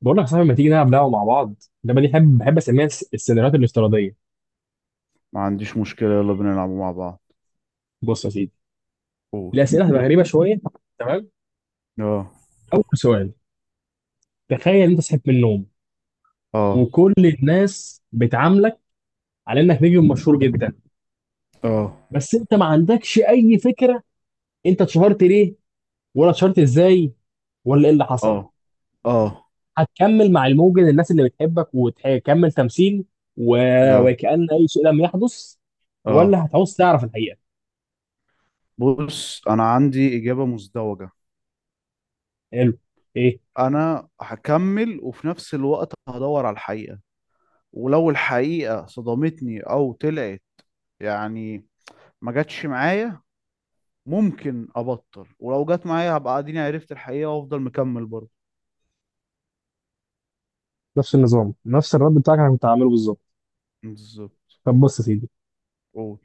بقول لك يا صاحبي، ما تيجي نلعب لعبه مع بعض؟ اللعبه دي بحب اسميها السيناريوهات الافتراضيه. ما عنديش مشكلة، يلا بينا نلعبوا مع بعض. بص يا سيدي، قول. الاسئله هتبقى غريبه شويه. تمام. اه، اول سؤال: تخيل انت صحيت من النوم اه، وكل الناس بتعاملك على انك نجم مشهور جدا، اه، بس انت ما عندكش اي فكره انت اتشهرت ليه، ولا اتشهرت ازاي، ولا ايه اللي اه، حصل. اه، هتكمل مع الموجة الناس اللي بتحبك وتكمل تمثيل و... اه، وكأن اي شيء لم يحدث، اه. ولا هتعوز تعرف الحقيقه؟ بص، انا عندي اجابة مزدوجة. حلو. ايه؟ انا هكمل وفي نفس الوقت هدور على الحقيقة، ولو الحقيقة صدمتني او طلعت، يعني، ما جاتش معايا، ممكن ابطل، ولو جت معايا هبقى اديني عرفت الحقيقة وافضل مكمل برضه. نفس النظام، نفس الرد بتاعك انا كنت هعمله بالظبط. بالظبط. طب بص يا سيدي، قول.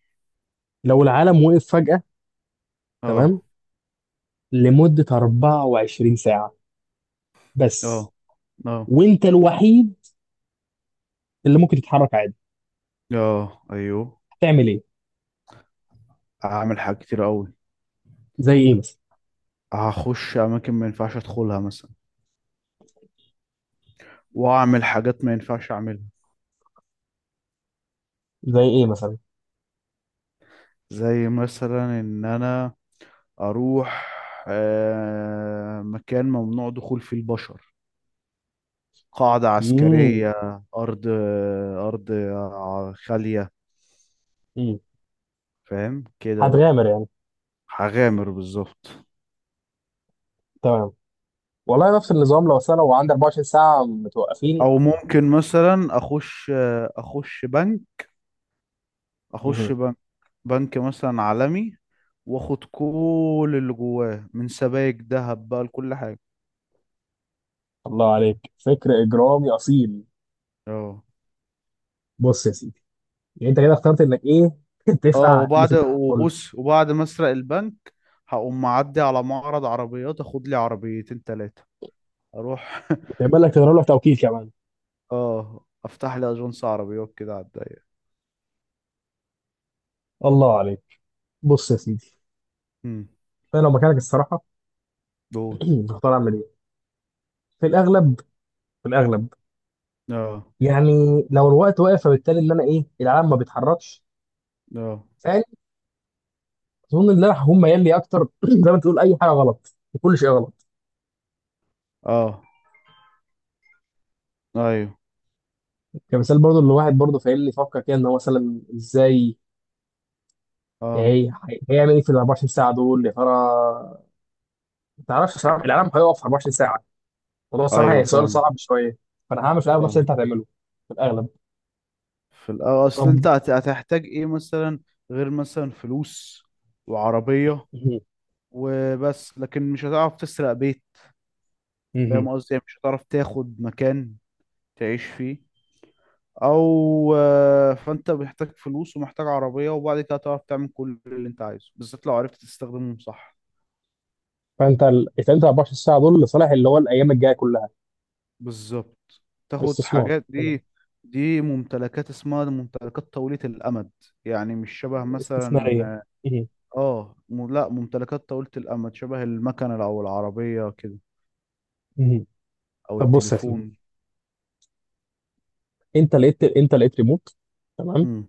لو العالم وقف فجأة، تمام، اه، لمدة 24 ساعة بس، اه، اه، وانت الوحيد اللي ممكن تتحرك عادي، اه. ايوه، هتعمل ايه؟ هعمل حاجات كتير قوي. زي ايه مثلا؟ هخش اماكن ما ينفعش ادخلها مثلا، واعمل حاجات ما ينفعش اعملها. زي ايه مثلا؟ زي مثلا ان انا اروح مكان ممنوع دخول فيه البشر، قاعدة امم. عسكرية، ارض ارض خالية. امم. فاهم كده بقى. هتغامر يعني. هغامر بالظبط. تمام. والله نفس النظام، لو أصل أنا لو عندي 24 ساعة متوقفين. او ممكن مثلا اخش بنك اخش مه. بنك بنك مثلا عالمي، واخد كل اللي جواه من سبائك ذهب بقى لكل حاجة. الله عليك، فكر إجرامي أصيل. اه. بص يا سيدي، يعني انت كده اخترت انك ايه؟ اه، تفقع اللي وبعد في آه. الكل وبص وبعد ما اسرق البنك هقوم معدي على معرض عربيات، اخد لي عربيتين تلاتة. اروح. وتعمل لك تضرب له توكيل كمان. اه، افتح لي اجنس عربيات كده على الضيق. الله عليك. بص يا سيدي، امم انا لو مكانك الصراحة دول. هختار اعمل ايه؟ في الاغلب في الاغلب. اه. يعني لو الوقت واقف، فبالتالي ان انا ايه العالم ما بيتحركش اه. ثاني، اظن ان انا هكون ميال لي اكتر زي ما تقول اي حاجه غلط، كل شيء غلط. اه. ايوه. كمثال برضو اللي واحد برضو فاهمني يفكر كده ان هو مثلا ازاي، يعني اه. إيه، هيعمل ايه في ال 24 ساعه دول يا ترى. ما تعرفش صراحه العالم هيقف 24 ساعه، الموضوع صراحه ايوه، هي سؤال فاهم. صعب شويه. فانا هعمل في الاغلب نفس اللي فاهم. انت هتعمله، في الاغلب. في الاول، اصل طب. انت هتحتاج ايه مثلا، غير مثلا فلوس وعربية. مهم. وبس، لكن مش هتعرف تسرق بيت. مهم. فاهم قصدي؟ يعني مش هتعرف تاخد مكان تعيش فيه او فانت محتاج فلوس ومحتاج عربية، وبعد كده تعرف تعمل كل اللي انت عايزه، بالذات لو عرفت تستخدمهم صح. فانت 24 ساعه دول لصالح اللي هو الايام الجايه كلها. بالظبط. تاخد استثمار. حاجات تمام. دي. دي ممتلكات، اسمها ممتلكات طويلة الأمد. يعني مش شبه استثماريه. مثلا، مهم. لا، ممتلكات طويلة الأمد شبه المكنة أو العربية كده، مهم. أو طب بص يا سيدي، التليفون. انت لقيت ريموت، تمام، مم.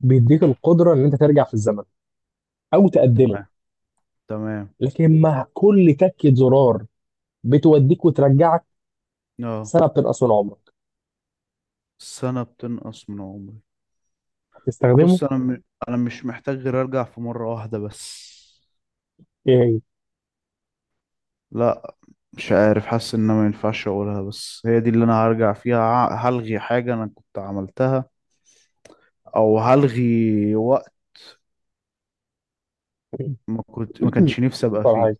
بيديك القدره ان انت ترجع في الزمن او تقدمه، تمام. تمام. لكن مع كل تكه زرار بتوديك وترجعك اه، سنه بتنقص من عمرك. السنة بتنقص من عمري. هتستخدمه؟ بص أنا أنا مش محتاج غير أرجع في مرة واحدة بس. ايه لا، مش عارف، حاسس ان أنا ما ينفعش اقولها بس هي دي اللي انا هرجع فيها، هلغي حاجة انا كنت عملتها او هلغي وقت هي ما كنت ما كانش نفسي ابقى اكتر فيه. حاجه؟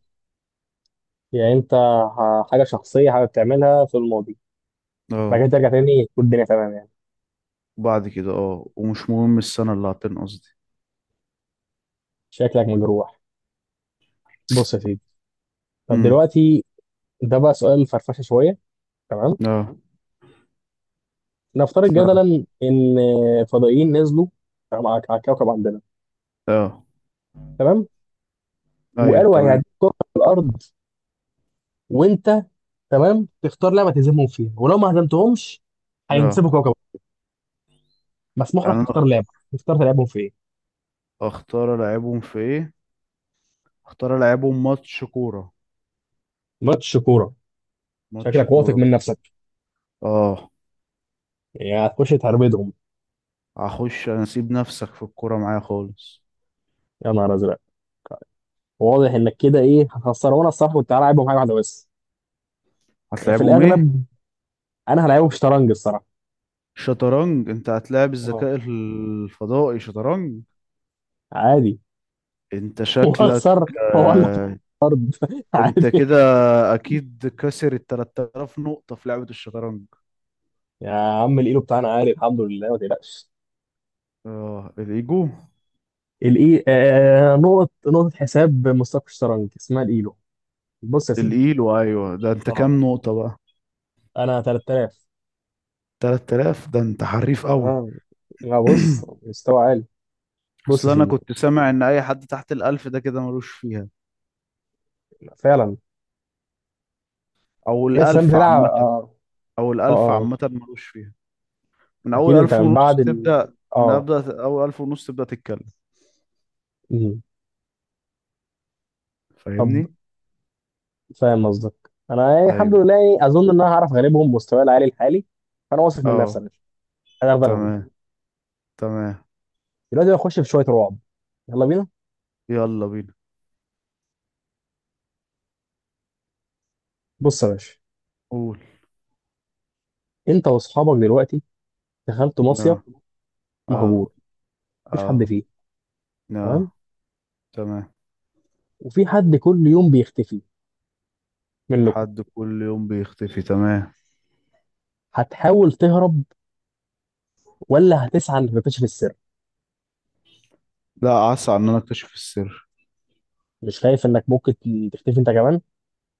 يعني انت حاجه شخصيه، حاجه بتعملها في الماضي، بعد كده اه. ترجع تاني تكون الدنيا تمام يعني؟ بعد كده اه، ومش مهم السنة اللي هتنقص دي. شكلك مجروح. بص يا سيدي، طب امم. دلوقتي ده بقى سؤال فرفشه شويه. تمام. اه. نفترض اه. جدلا ان فضائيين نزلوا، تمام، على الكوكب عندنا. اه. تمام. ايوه، وقالوا تمام. هيهديك كره في الارض، وانت تمام تختار لعبه تهزمهم فيها، ولو ما هزمتهمش هينسبوا اه، كوكب. مسموح يعني لك انا تختار لعبه، تختار تلعبهم في ايه. اختار العبهم في ايه. اختار العبهم ماتش كورة. ماتش كوره؟ ماتش شكلك واثق كورة من بالظبط. نفسك. اه، يعني هتخش تهربدهم. هخش انا اسيب نفسك في الكورة معايا خالص. يا نهار ازرق، واضح انك كده ايه هتخسر، وانا الصراحه كنت هلاعبهم حاجه واحده بس. يعني في هتلعبهم ايه؟ الاغلب انا هلاعبهم شطرنج الصراحه. شطرنج؟ انت هتلاعب اه، الذكاء الفضائي شطرنج؟ عادي. انت شكلك. واخسر، والله. آه. انت عادي. كده اكيد كسر ال 3000 نقطة في لعبة الشطرنج. يا عم، الايلو بتاعنا عالي الحمد لله، ما تقلقش. اه، الايجو. الاي آه نقطه نقطه حساب مستقبل الشطرنج اسمها الايلو. بص يا سيدي، الايلو، ايوه، ده انت اه، كام نقطة بقى؟ انا 3000. 3000؟ ده انت حريف قوي. تمام. لا بص، مستوى عالي. بص اصل يا انا سيدي، كنت سامع ان اي حد تحت الالف ده كده ملوش فيها. فعلا. او في ناس كمان الالف بتلعب، عامة. اه. او اه. الالف آه. عامة ملوش فيها. من اول اكيد انت الف من بعد ونص ال تبدأ، من اه. ابدأ اول الف ونص تبدأ تتكلم. مم. طب. فاهمني؟ فاهم قصدك، انا يعني الحمد ايوه. لله، يعني اظن ان انا هعرف اغلبهم مستواي العالي الحالي. فانا واثق من نفسي اه. يا باشا، انا هعرف اغلبهم. تمام. تمام. دلوقتي هخش في شويه رعب. يلا بينا. يلا بينا. بص يا باشا، قول. انت واصحابك دلوقتي دخلتوا مصيف لا. اه. مهجور، مفيش حد اه. فيه. لا. تمام. تمام. وفي حد كل يوم بيختفي منكم. حد كل يوم بيختفي، تمام. هتحاول تهرب ولا هتسعى انك تكتشف السر؟ لا، اسعى ان انا اكتشف السر. مش خايف انك ممكن تختفي انت كمان؟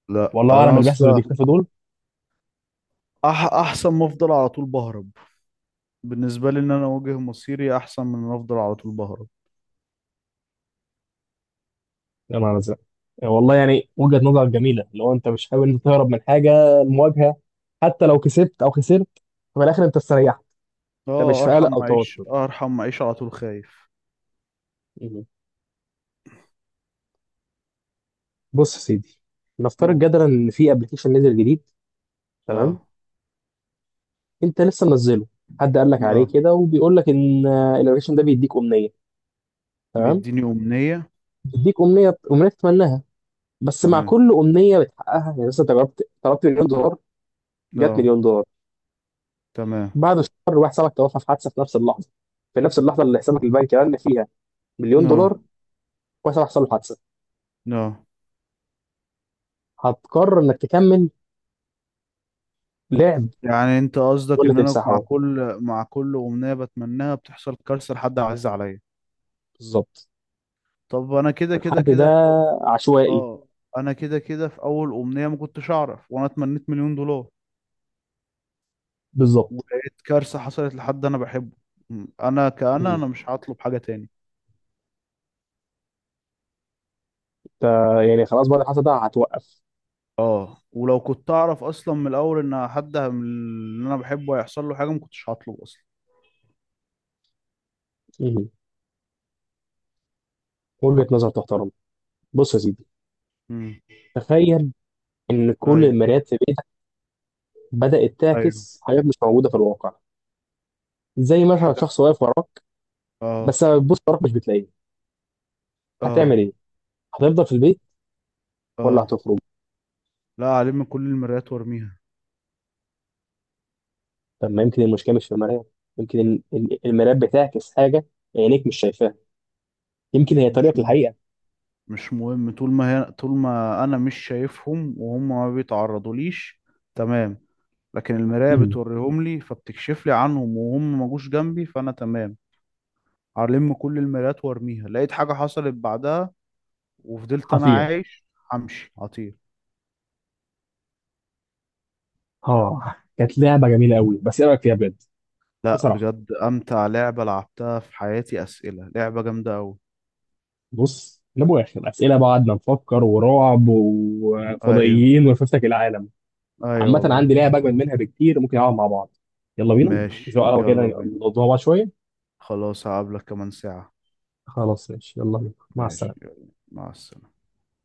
لا، والله اعلم انا اللي بيحصل اللي اصلا، بيختفي دول. احسن ما افضل على طول بهرب. بالنسبه لي ان انا اواجه مصيري احسن من ان افضل على طول بهرب. يا نهار ازرق، والله يعني وجهة نظر جميلة. لو انت مش حابب انت تهرب من حاجة، المواجهة، حتى لو كسبت او خسرت في الاخر انت استريحت. انت اه، مش في قلق ارحم او اعيش، توتر. ارحم اعيش على طول خايف. مم. بص يا سيدي، نفترض قول. جدلا ان في ابلكيشن نزل جديد. لا. تمام. انت لسه منزله، حد قال لك عليه لا. كده وبيقول لك ان الابلكيشن ده بيديك امنية. تمام. بيديني امنيه. بيديك امنية، امنية تتمناها. بس مع تمام. كل امنيه بتحققها، يعني مثلا انت جربت طلبت مليون دولار، جت لا. مليون دولار، تمام. بعد شهر واحد صاحبك توفى في حادثه، في نفس اللحظه، في نفس اللحظه اللي حسابك البنكي رن فيها مليون لا. دولار. واحد صاحبك حصل له حادثه. لا. هتقرر انك تكمل لعب يعني انت قصدك ولا ان انا مع تمسحه؟ كل امنية بتمناها بتحصل كارثة لحد عزيز عليا؟ بالظبط. طب انا كده كده والحد ده كده في عشوائي. اه، انا كده كده في اول امنية ما كنتش اعرف وانا اتمنيت 1,000,000 دولار، بالظبط. ولقيت كارثة حصلت لحد انا بحبه. انا مم. انا مش هطلب حاجة تاني. انت يعني خلاص بعد الحادثه ده هتوقف؟ اه، ولو كنت اعرف اصلا من الاول ان حد من اللي انا بحبه هيحصل له حاجة ما كنتش هطلب اصلا. مم. وجهه نظر تحترم. بص يا سيدي، امم. تخيل ان كل ايوه. المرايات في بيتك بدات ايوه. تعكس حاجات مش موجوده في الواقع. زي مثلا حاجة. شخص واقف وراك، اه. بس لما بتبص وراك مش بتلاقيه. هتعمل اه. ايه؟ هتفضل في البيت ولا اه، هتخرج؟ لا عليه من كل المرايات وارميها. طب ما يمكن المشكله مش في المرايه. يمكن المرايه بتعكس حاجه عينيك مش شايفاها، يمكن هي مش طريقك مهم. للحقيقه. مش مهم، طول ما هي، طول ما انا مش شايفهم وهم ما بيتعرضوا ليش، تمام. لكن المراية امم. بتوريهم لي فبتكشف لي عنهم وهم ما جوش جنبي، فانا تمام. هلم كل المرايات وارميها، لقيت حاجة حصلت بعدها وفضلت انا خطير. عايش، همشي هطير. اه، كانت لعبه جميله قوي، بس ايه رايك فيها بجد؟ لا، بصراحه. بجد امتع لعبة لعبتها في حياتي، اسئلة لعبة جامدة اوي. بص لابو اخر اسئله بعد ما نفكر ورعب ايوه. وفضائيين ولفتك العالم. ايوه، عامه والله. عندي لعبه اجمد منها بكتير، ممكن نلعب مع بعض. يلا بينا. زي ماشي، قهوه كده يلا بينا. نقضوها بعض شويه. خلاص، هقابلك كمان ساعة. خلاص ماشي، يلا بينا، مع ماشي، السلامه. يلا، مع السلامة.